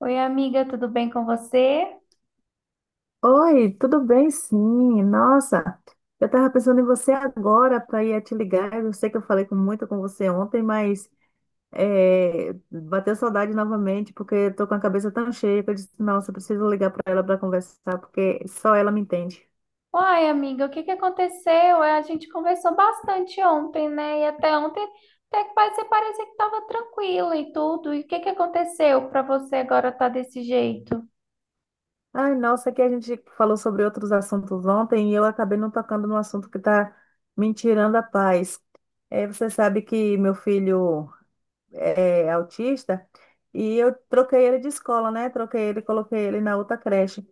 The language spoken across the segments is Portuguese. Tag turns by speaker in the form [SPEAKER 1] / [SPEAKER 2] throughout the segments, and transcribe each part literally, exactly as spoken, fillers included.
[SPEAKER 1] Oi, amiga, tudo bem com você?
[SPEAKER 2] Oi, tudo bem? Sim, nossa, eu estava pensando em você agora para ir te ligar. Eu sei que eu falei com, muito com você ontem, mas é, bateu saudade novamente porque eu tô com a cabeça tão cheia que eu disse, nossa, eu preciso ligar para ela para conversar porque só ela me entende.
[SPEAKER 1] Uai, amiga, o que que aconteceu? É, A gente conversou bastante ontem, né? E até ontem, até que você parecia que estava tranquila e tudo. E o que que aconteceu para você agora estar desse jeito?
[SPEAKER 2] Ai, nossa, que a gente falou sobre outros assuntos ontem e eu acabei não tocando no assunto que está me tirando a paz. É, você sabe que meu filho é, autista, e eu troquei ele de escola, né? Troquei ele, coloquei ele na outra creche.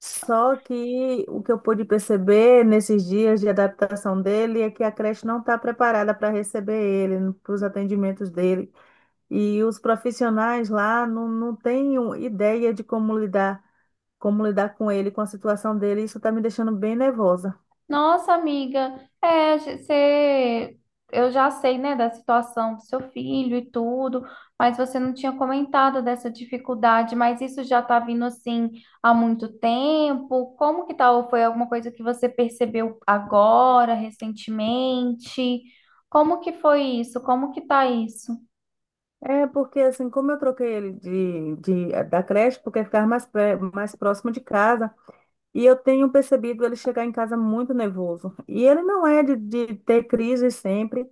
[SPEAKER 2] Só que o que eu pude perceber nesses dias de adaptação dele é que a creche não está preparada para receber ele, para os atendimentos dele. E os profissionais lá não, não têm um- ideia de como lidar, como lidar com ele, com a situação dele. Isso está me deixando bem nervosa.
[SPEAKER 1] Nossa, amiga, é, você, eu já sei, né, da situação do seu filho e tudo, mas você não tinha comentado dessa dificuldade, mas isso já tá vindo assim há muito tempo. Como que tá? Ou foi alguma coisa que você percebeu agora, recentemente? Como que foi isso? Como que tá isso?
[SPEAKER 2] É porque assim, como eu troquei ele de, de, da creche, porque ficava mais, pré- mais próximo de casa. E eu tenho percebido ele chegar em casa muito nervoso. E ele não é de, de ter crise sempre,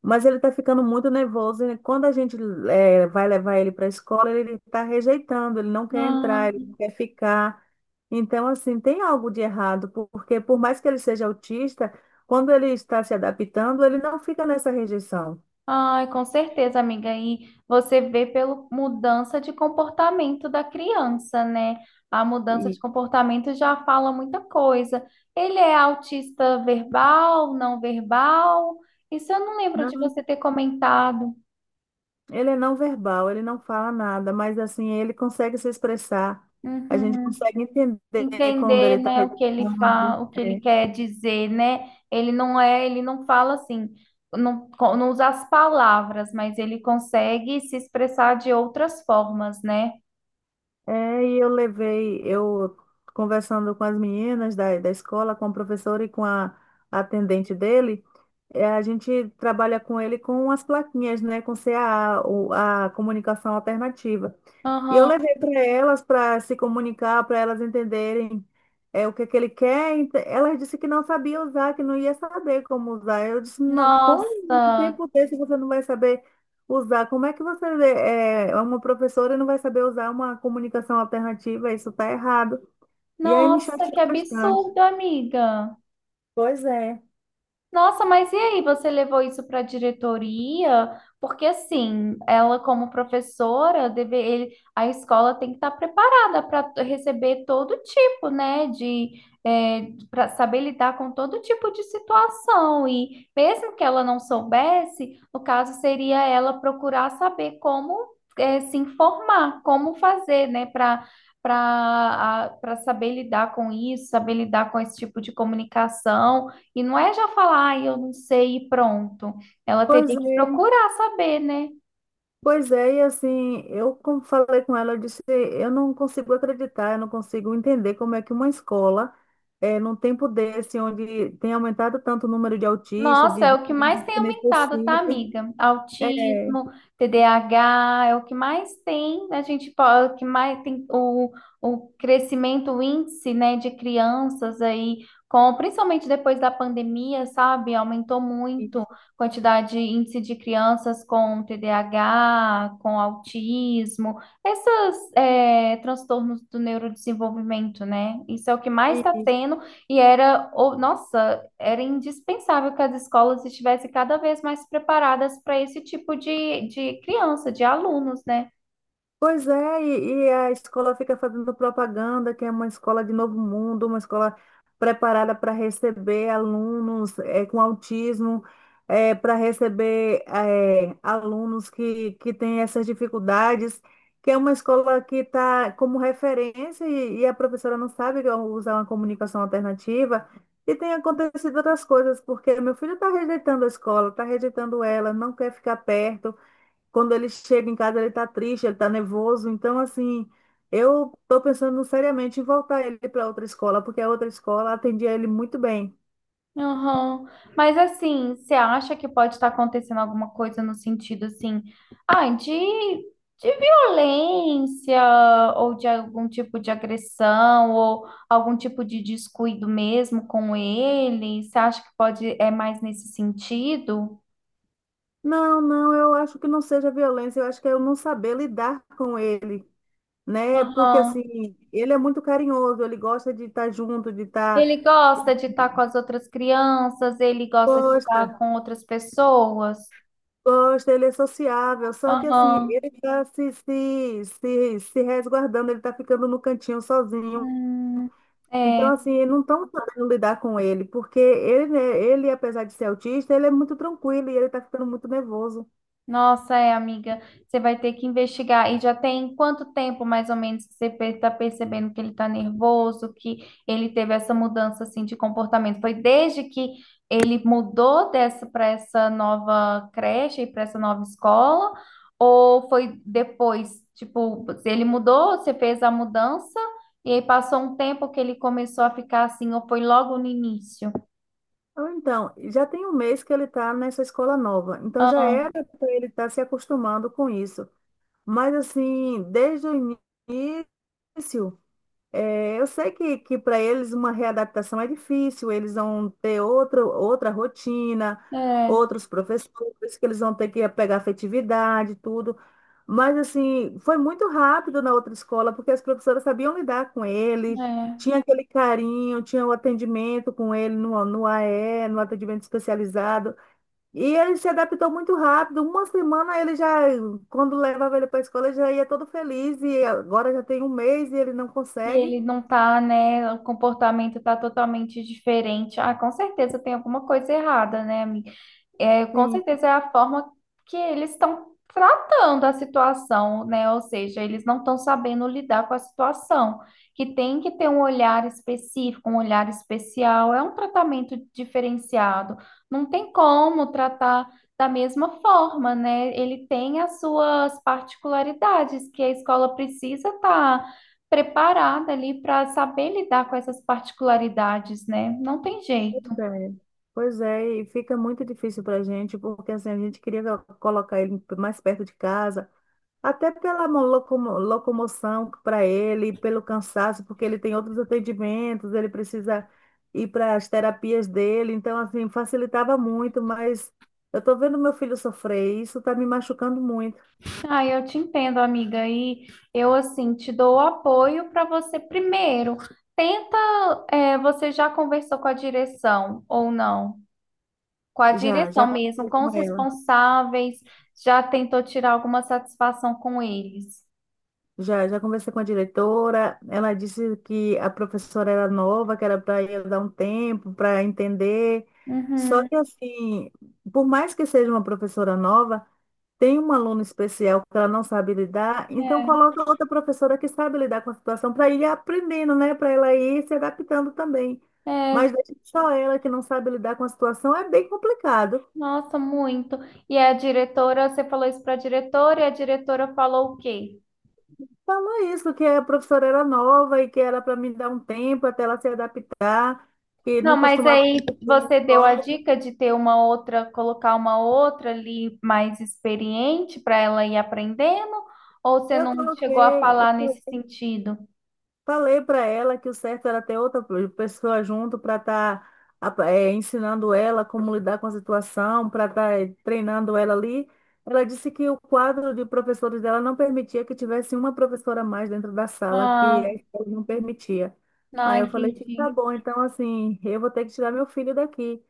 [SPEAKER 2] mas ele está ficando muito nervoso. E quando a gente eh, vai levar ele para a escola, ele está rejeitando, ele não quer entrar, ele não quer ficar. Então, assim, tem algo de errado, por- porque por mais que ele seja autista, quando ele está se adaptando, ele não fica nessa rejeição.
[SPEAKER 1] Ai, com certeza, amiga. E você vê pela mudança de comportamento da criança, né? A mudança de
[SPEAKER 2] E
[SPEAKER 1] comportamento já fala muita coisa. Ele é autista verbal, não verbal? Isso eu não lembro
[SPEAKER 2] não.
[SPEAKER 1] de você ter comentado.
[SPEAKER 2] Ele é não verbal, ele não fala nada, mas assim, ele consegue se expressar. A gente
[SPEAKER 1] Uhum.
[SPEAKER 2] consegue entender quando
[SPEAKER 1] Entender,
[SPEAKER 2] ele está
[SPEAKER 1] né, o que ele
[SPEAKER 2] reclamando.
[SPEAKER 1] fala, o que ele
[SPEAKER 2] É.
[SPEAKER 1] quer dizer, né? Ele não é, ele não fala assim, não, co- não usa as palavras, mas ele consegue se expressar de outras formas, né?
[SPEAKER 2] É, e eu levei, eu conversando com as meninas da, da escola, com a professora e com a atendente dele, é, a gente trabalha com ele com as plaquinhas, né, com C A A, o- a comunicação alternativa. E eu
[SPEAKER 1] Aham.
[SPEAKER 2] levei para elas para se comunicar, para elas entenderem é, o que é que ele quer. Ent- Ela disse que não sabia usar, que não ia saber como usar. Eu disse, não, como em
[SPEAKER 1] Nossa,
[SPEAKER 2] tempo desse você não vai saber usar? Como é que você é é uma professora e não vai saber usar uma comunicação alternativa? Isso está errado. E aí me
[SPEAKER 1] nossa, que
[SPEAKER 2] chateou bastante.
[SPEAKER 1] absurdo, amiga.
[SPEAKER 2] Pois é.
[SPEAKER 1] Nossa, mas e aí, você levou isso para a diretoria? Porque assim, ela como professora, deve, ele- a escola tem que estar preparada para receber todo tipo, né, de para saber lidar com todo tipo de situação. E mesmo que ela não soubesse, no caso seria ela procurar saber como é, se informar, como fazer, né, para para para saber lidar com isso, saber lidar com esse tipo de comunicação. E não é já falar, ah, eu não sei e pronto. Ela
[SPEAKER 2] Pois
[SPEAKER 1] teria que
[SPEAKER 2] é.
[SPEAKER 1] procurar saber, né?
[SPEAKER 2] Pois é, e assim, eu como falei com ela, eu disse, eu não consigo acreditar, eu não consigo entender como é que uma escola, eh, num tempo desse, onde tem aumentado tanto o número de autistas,
[SPEAKER 1] Nossa,
[SPEAKER 2] de,
[SPEAKER 1] é
[SPEAKER 2] de
[SPEAKER 1] o que mais
[SPEAKER 2] crianças
[SPEAKER 1] tem
[SPEAKER 2] que
[SPEAKER 1] aumentado, tá,
[SPEAKER 2] necessitam,
[SPEAKER 1] amiga?
[SPEAKER 2] é,
[SPEAKER 1] Autismo, T D A H, é o que mais tem, a gente pode, o que mais tem o, o crescimento, o índice, né, de crianças aí, com, principalmente depois da pandemia, sabe? Aumentou muito a quantidade, índice de crianças com T D A H, com autismo, esses transtornos do neurodesenvolvimento, né? Isso é o que mais está
[SPEAKER 2] isso.
[SPEAKER 1] tendo. E era, o- nossa, era indispensável que as escolas estivessem cada vez mais preparadas para esse tipo de, de criança, de alunos, né?
[SPEAKER 2] Pois é, e, e a escola fica fazendo propaganda, que é uma escola de novo mundo, uma escola preparada para receber alunos eh, com autismo, para receber eh, alunos que, que têm essas dificuldades, que é uma escola que está como referência e, e a professora não sabe usar uma comunicação alternativa. E tem acontecido outras coisas, porque meu filho está rejeitando a escola, está rejeitando ela, não quer ficar perto quando ele chega em casa, ele tá triste, ele tá nervoso. Então, assim, eu tô pensando seriamente em voltar ele para outra escola, porque a outra escola atendia ele muito bem.
[SPEAKER 1] Aham. Mas assim, você acha que pode estar acontecendo alguma coisa no sentido assim, ah, de, de violência ou de algum tipo de agressão ou algum tipo de descuido mesmo com ele? Você acha que pode é mais nesse sentido?
[SPEAKER 2] Não, não, eu acho que não seja violência, eu acho que é eu não saber lidar com ele, né? Porque, assim,
[SPEAKER 1] Aham.
[SPEAKER 2] ele é muito carinhoso, ele gosta de estar junto, de estar.
[SPEAKER 1] Ele gosta de estar com as outras crianças, ele gosta de estar
[SPEAKER 2] Gosta,
[SPEAKER 1] com outras pessoas.
[SPEAKER 2] gosta, ele é sociável, só que assim,
[SPEAKER 1] Aham.
[SPEAKER 2] ele está se, se, se, se resguardando, ele está ficando no cantinho sozinho.
[SPEAKER 1] Hum,
[SPEAKER 2] Então,
[SPEAKER 1] é.
[SPEAKER 2] assim, não estão sabendo lidar com ele, porque ele, né, ele, apesar de ser autista, ele é muito tranquilo e ele está ficando muito nervoso.
[SPEAKER 1] Nossa, é, amiga, você vai ter que investigar. E já tem quanto tempo, mais ou menos, que você está percebendo que ele está nervoso, que ele teve essa mudança assim de comportamento? Foi desde que ele mudou dessa para essa nova creche e para essa nova escola, ou foi depois? Tipo, ele mudou, você fez a mudança e aí passou um tempo que ele começou a ficar assim, ou foi logo no início?
[SPEAKER 2] Ou então, já tem um mês que ele está nessa escola nova, então já
[SPEAKER 1] Ah,
[SPEAKER 2] era para ele estar se acostumando com isso. Mas, assim, desde o início, é, eu sei que, que para eles uma readaptação é difícil, eles vão ter outro, outra rotina,
[SPEAKER 1] é,
[SPEAKER 2] outros professores, que eles vão ter que pegar afetividade, tudo. Mas, assim, foi muito rápido na outra escola, porque as professoras sabiam lidar com ele,
[SPEAKER 1] é.
[SPEAKER 2] tinha aquele carinho, tinha o atendimento com ele no, no A E, no atendimento especializado. E ele se adaptou muito rápido. Uma semana ele já, quando levava ele para a escola, ele já ia todo feliz, e agora já tem um mês e ele não
[SPEAKER 1] E
[SPEAKER 2] consegue.
[SPEAKER 1] ele não tá, né? O comportamento tá totalmente diferente. Ah, com certeza tem alguma coisa errada, né, amiga? É, com
[SPEAKER 2] Sim,
[SPEAKER 1] certeza é a forma que eles estão tratando a situação, né? Ou seja, eles não estão sabendo lidar com a situação, que tem que ter um olhar específico, um olhar especial, é um tratamento diferenciado. Não tem como tratar da mesma forma, né? Ele tem as suas particularidades que a escola precisa estar preparada ali para saber lidar com essas particularidades, né? Não tem
[SPEAKER 2] pois
[SPEAKER 1] jeito.
[SPEAKER 2] é. Pois é, e fica muito difícil para a gente, porque assim, a gente queria colocar ele mais perto de casa, até pela mo- locomo- locomoção para ele, pelo cansaço, porque ele tem outros atendimentos, ele precisa ir para as terapias dele, então assim, facilitava muito, mas eu tô vendo meu filho sofrer, e isso está me machucando muito.
[SPEAKER 1] Ah, eu te entendo, amiga. E eu, assim, te dou o apoio para você primeiro. Tenta, é, você já conversou com a direção ou não? Com a
[SPEAKER 2] Já,
[SPEAKER 1] direção
[SPEAKER 2] já
[SPEAKER 1] mesmo,
[SPEAKER 2] conversei
[SPEAKER 1] com os
[SPEAKER 2] com ela.
[SPEAKER 1] responsáveis, já tentou tirar alguma satisfação com eles?
[SPEAKER 2] Já, já conversei com a diretora. Ela disse que a professora era nova, que era para ir dar um tempo para entender. Só
[SPEAKER 1] Uhum.
[SPEAKER 2] que, assim, por mais que seja uma professora nova, tem um aluno especial que ela não sabe lidar, então coloca outra professora que sabe lidar com a situação para ir aprendendo, né? Para ela ir se adaptando também.
[SPEAKER 1] É,
[SPEAKER 2] Mas
[SPEAKER 1] é,
[SPEAKER 2] deixa só ela que não sabe lidar com a situação, é bem complicado.
[SPEAKER 1] nossa, muito. E a diretora, você falou isso para a diretora e a diretora falou o quê?
[SPEAKER 2] Falou isso, que a professora era nova e que era para me dar um tempo até ela se adaptar, que
[SPEAKER 1] Não,
[SPEAKER 2] não
[SPEAKER 1] mas
[SPEAKER 2] costumava
[SPEAKER 1] aí
[SPEAKER 2] acontecer na
[SPEAKER 1] você deu a
[SPEAKER 2] escola.
[SPEAKER 1] dica de ter uma outra, colocar uma outra ali mais experiente para ela ir aprendendo, ou você
[SPEAKER 2] Eu
[SPEAKER 1] não chegou a
[SPEAKER 2] coloquei, eu
[SPEAKER 1] falar nesse sentido?
[SPEAKER 2] falei para ela que o certo era ter outra pessoa junto para estar ensinando ela como lidar com a situação, para estar treinando ela ali. Ela disse que o quadro de professores dela não permitia que tivesse uma professora a mais dentro da sala, que
[SPEAKER 1] Ah,
[SPEAKER 2] a escola não permitia.
[SPEAKER 1] não
[SPEAKER 2] Aí eu falei,
[SPEAKER 1] entendi.
[SPEAKER 2] tá bom, então assim, eu vou ter que tirar meu filho daqui.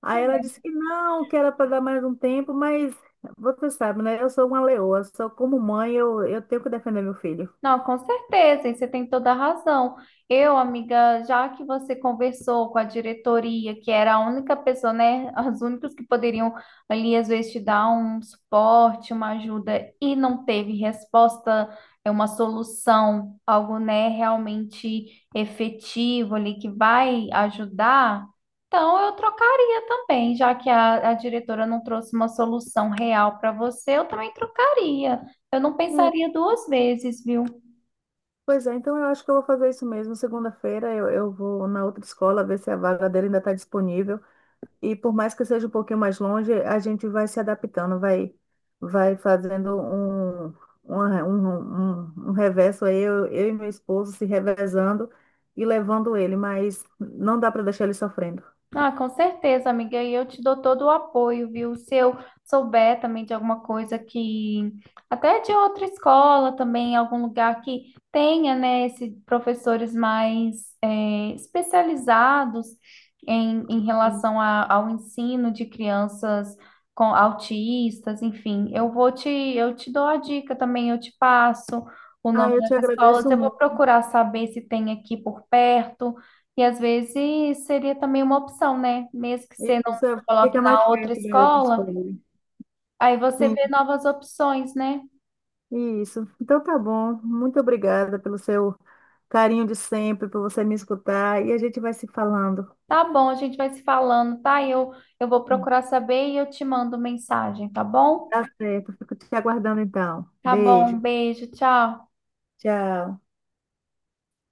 [SPEAKER 2] Aí ela disse que não, que era para dar mais um tempo, mas você sabe, né? Eu sou uma leoa, só como mãe eu, eu tenho que defender meu filho.
[SPEAKER 1] Não, com certeza, e você tem toda a razão. Eu, amiga, já que você conversou com a diretoria, que era a única pessoa, né, as únicas que poderiam ali às vezes te dar um suporte, uma ajuda e não teve resposta, é uma solução, algo, né, realmente efetivo ali que vai ajudar. Então, eu trocaria também, já que a, a diretora não trouxe uma solução real para você, eu também trocaria. Eu não
[SPEAKER 2] É,
[SPEAKER 1] pensaria duas vezes, viu?
[SPEAKER 2] pois é, então eu acho que eu vou fazer isso mesmo. Segunda-feira eu, eu vou na outra escola ver se a vaga dele ainda está disponível. E por mais que seja um pouquinho mais longe, a gente vai se adaptando, vai, vai fazendo um, uma- um, um, um reverso aí, eu, eu e meu esposo se revezando e levando ele, mas não dá para deixar ele sofrendo.
[SPEAKER 1] Ah, com certeza, amiga, e eu te dou todo o apoio, viu? Se eu souber também de alguma coisa que, até de outra escola também, algum lugar que tenha, né, esses professores mais eh, especializados em, em relação a- ao ensino de crianças com autistas, enfim, eu vou te, eu te dou a dica também, eu te passo o
[SPEAKER 2] Ah,
[SPEAKER 1] nome
[SPEAKER 2] eu te
[SPEAKER 1] das escolas,
[SPEAKER 2] agradeço.
[SPEAKER 1] eu vou procurar saber se tem aqui por perto. E às vezes seria também uma opção, né? Mesmo que você não
[SPEAKER 2] Isso,
[SPEAKER 1] coloque
[SPEAKER 2] fica
[SPEAKER 1] na
[SPEAKER 2] mais
[SPEAKER 1] outra
[SPEAKER 2] perto da outra
[SPEAKER 1] escola,
[SPEAKER 2] escola.
[SPEAKER 1] aí você vê novas opções, né?
[SPEAKER 2] Sim, isso. Então tá bom. Muito obrigada pelo seu carinho de sempre, por você me escutar. E a gente vai se falando.
[SPEAKER 1] Tá bom, a gente vai se falando, tá? Eu, eu vou procurar saber e eu te mando mensagem, tá bom?
[SPEAKER 2] Tá certo. Fico te aguardando então.
[SPEAKER 1] Tá bom, um
[SPEAKER 2] Beijo.
[SPEAKER 1] beijo, tchau.
[SPEAKER 2] Tchau.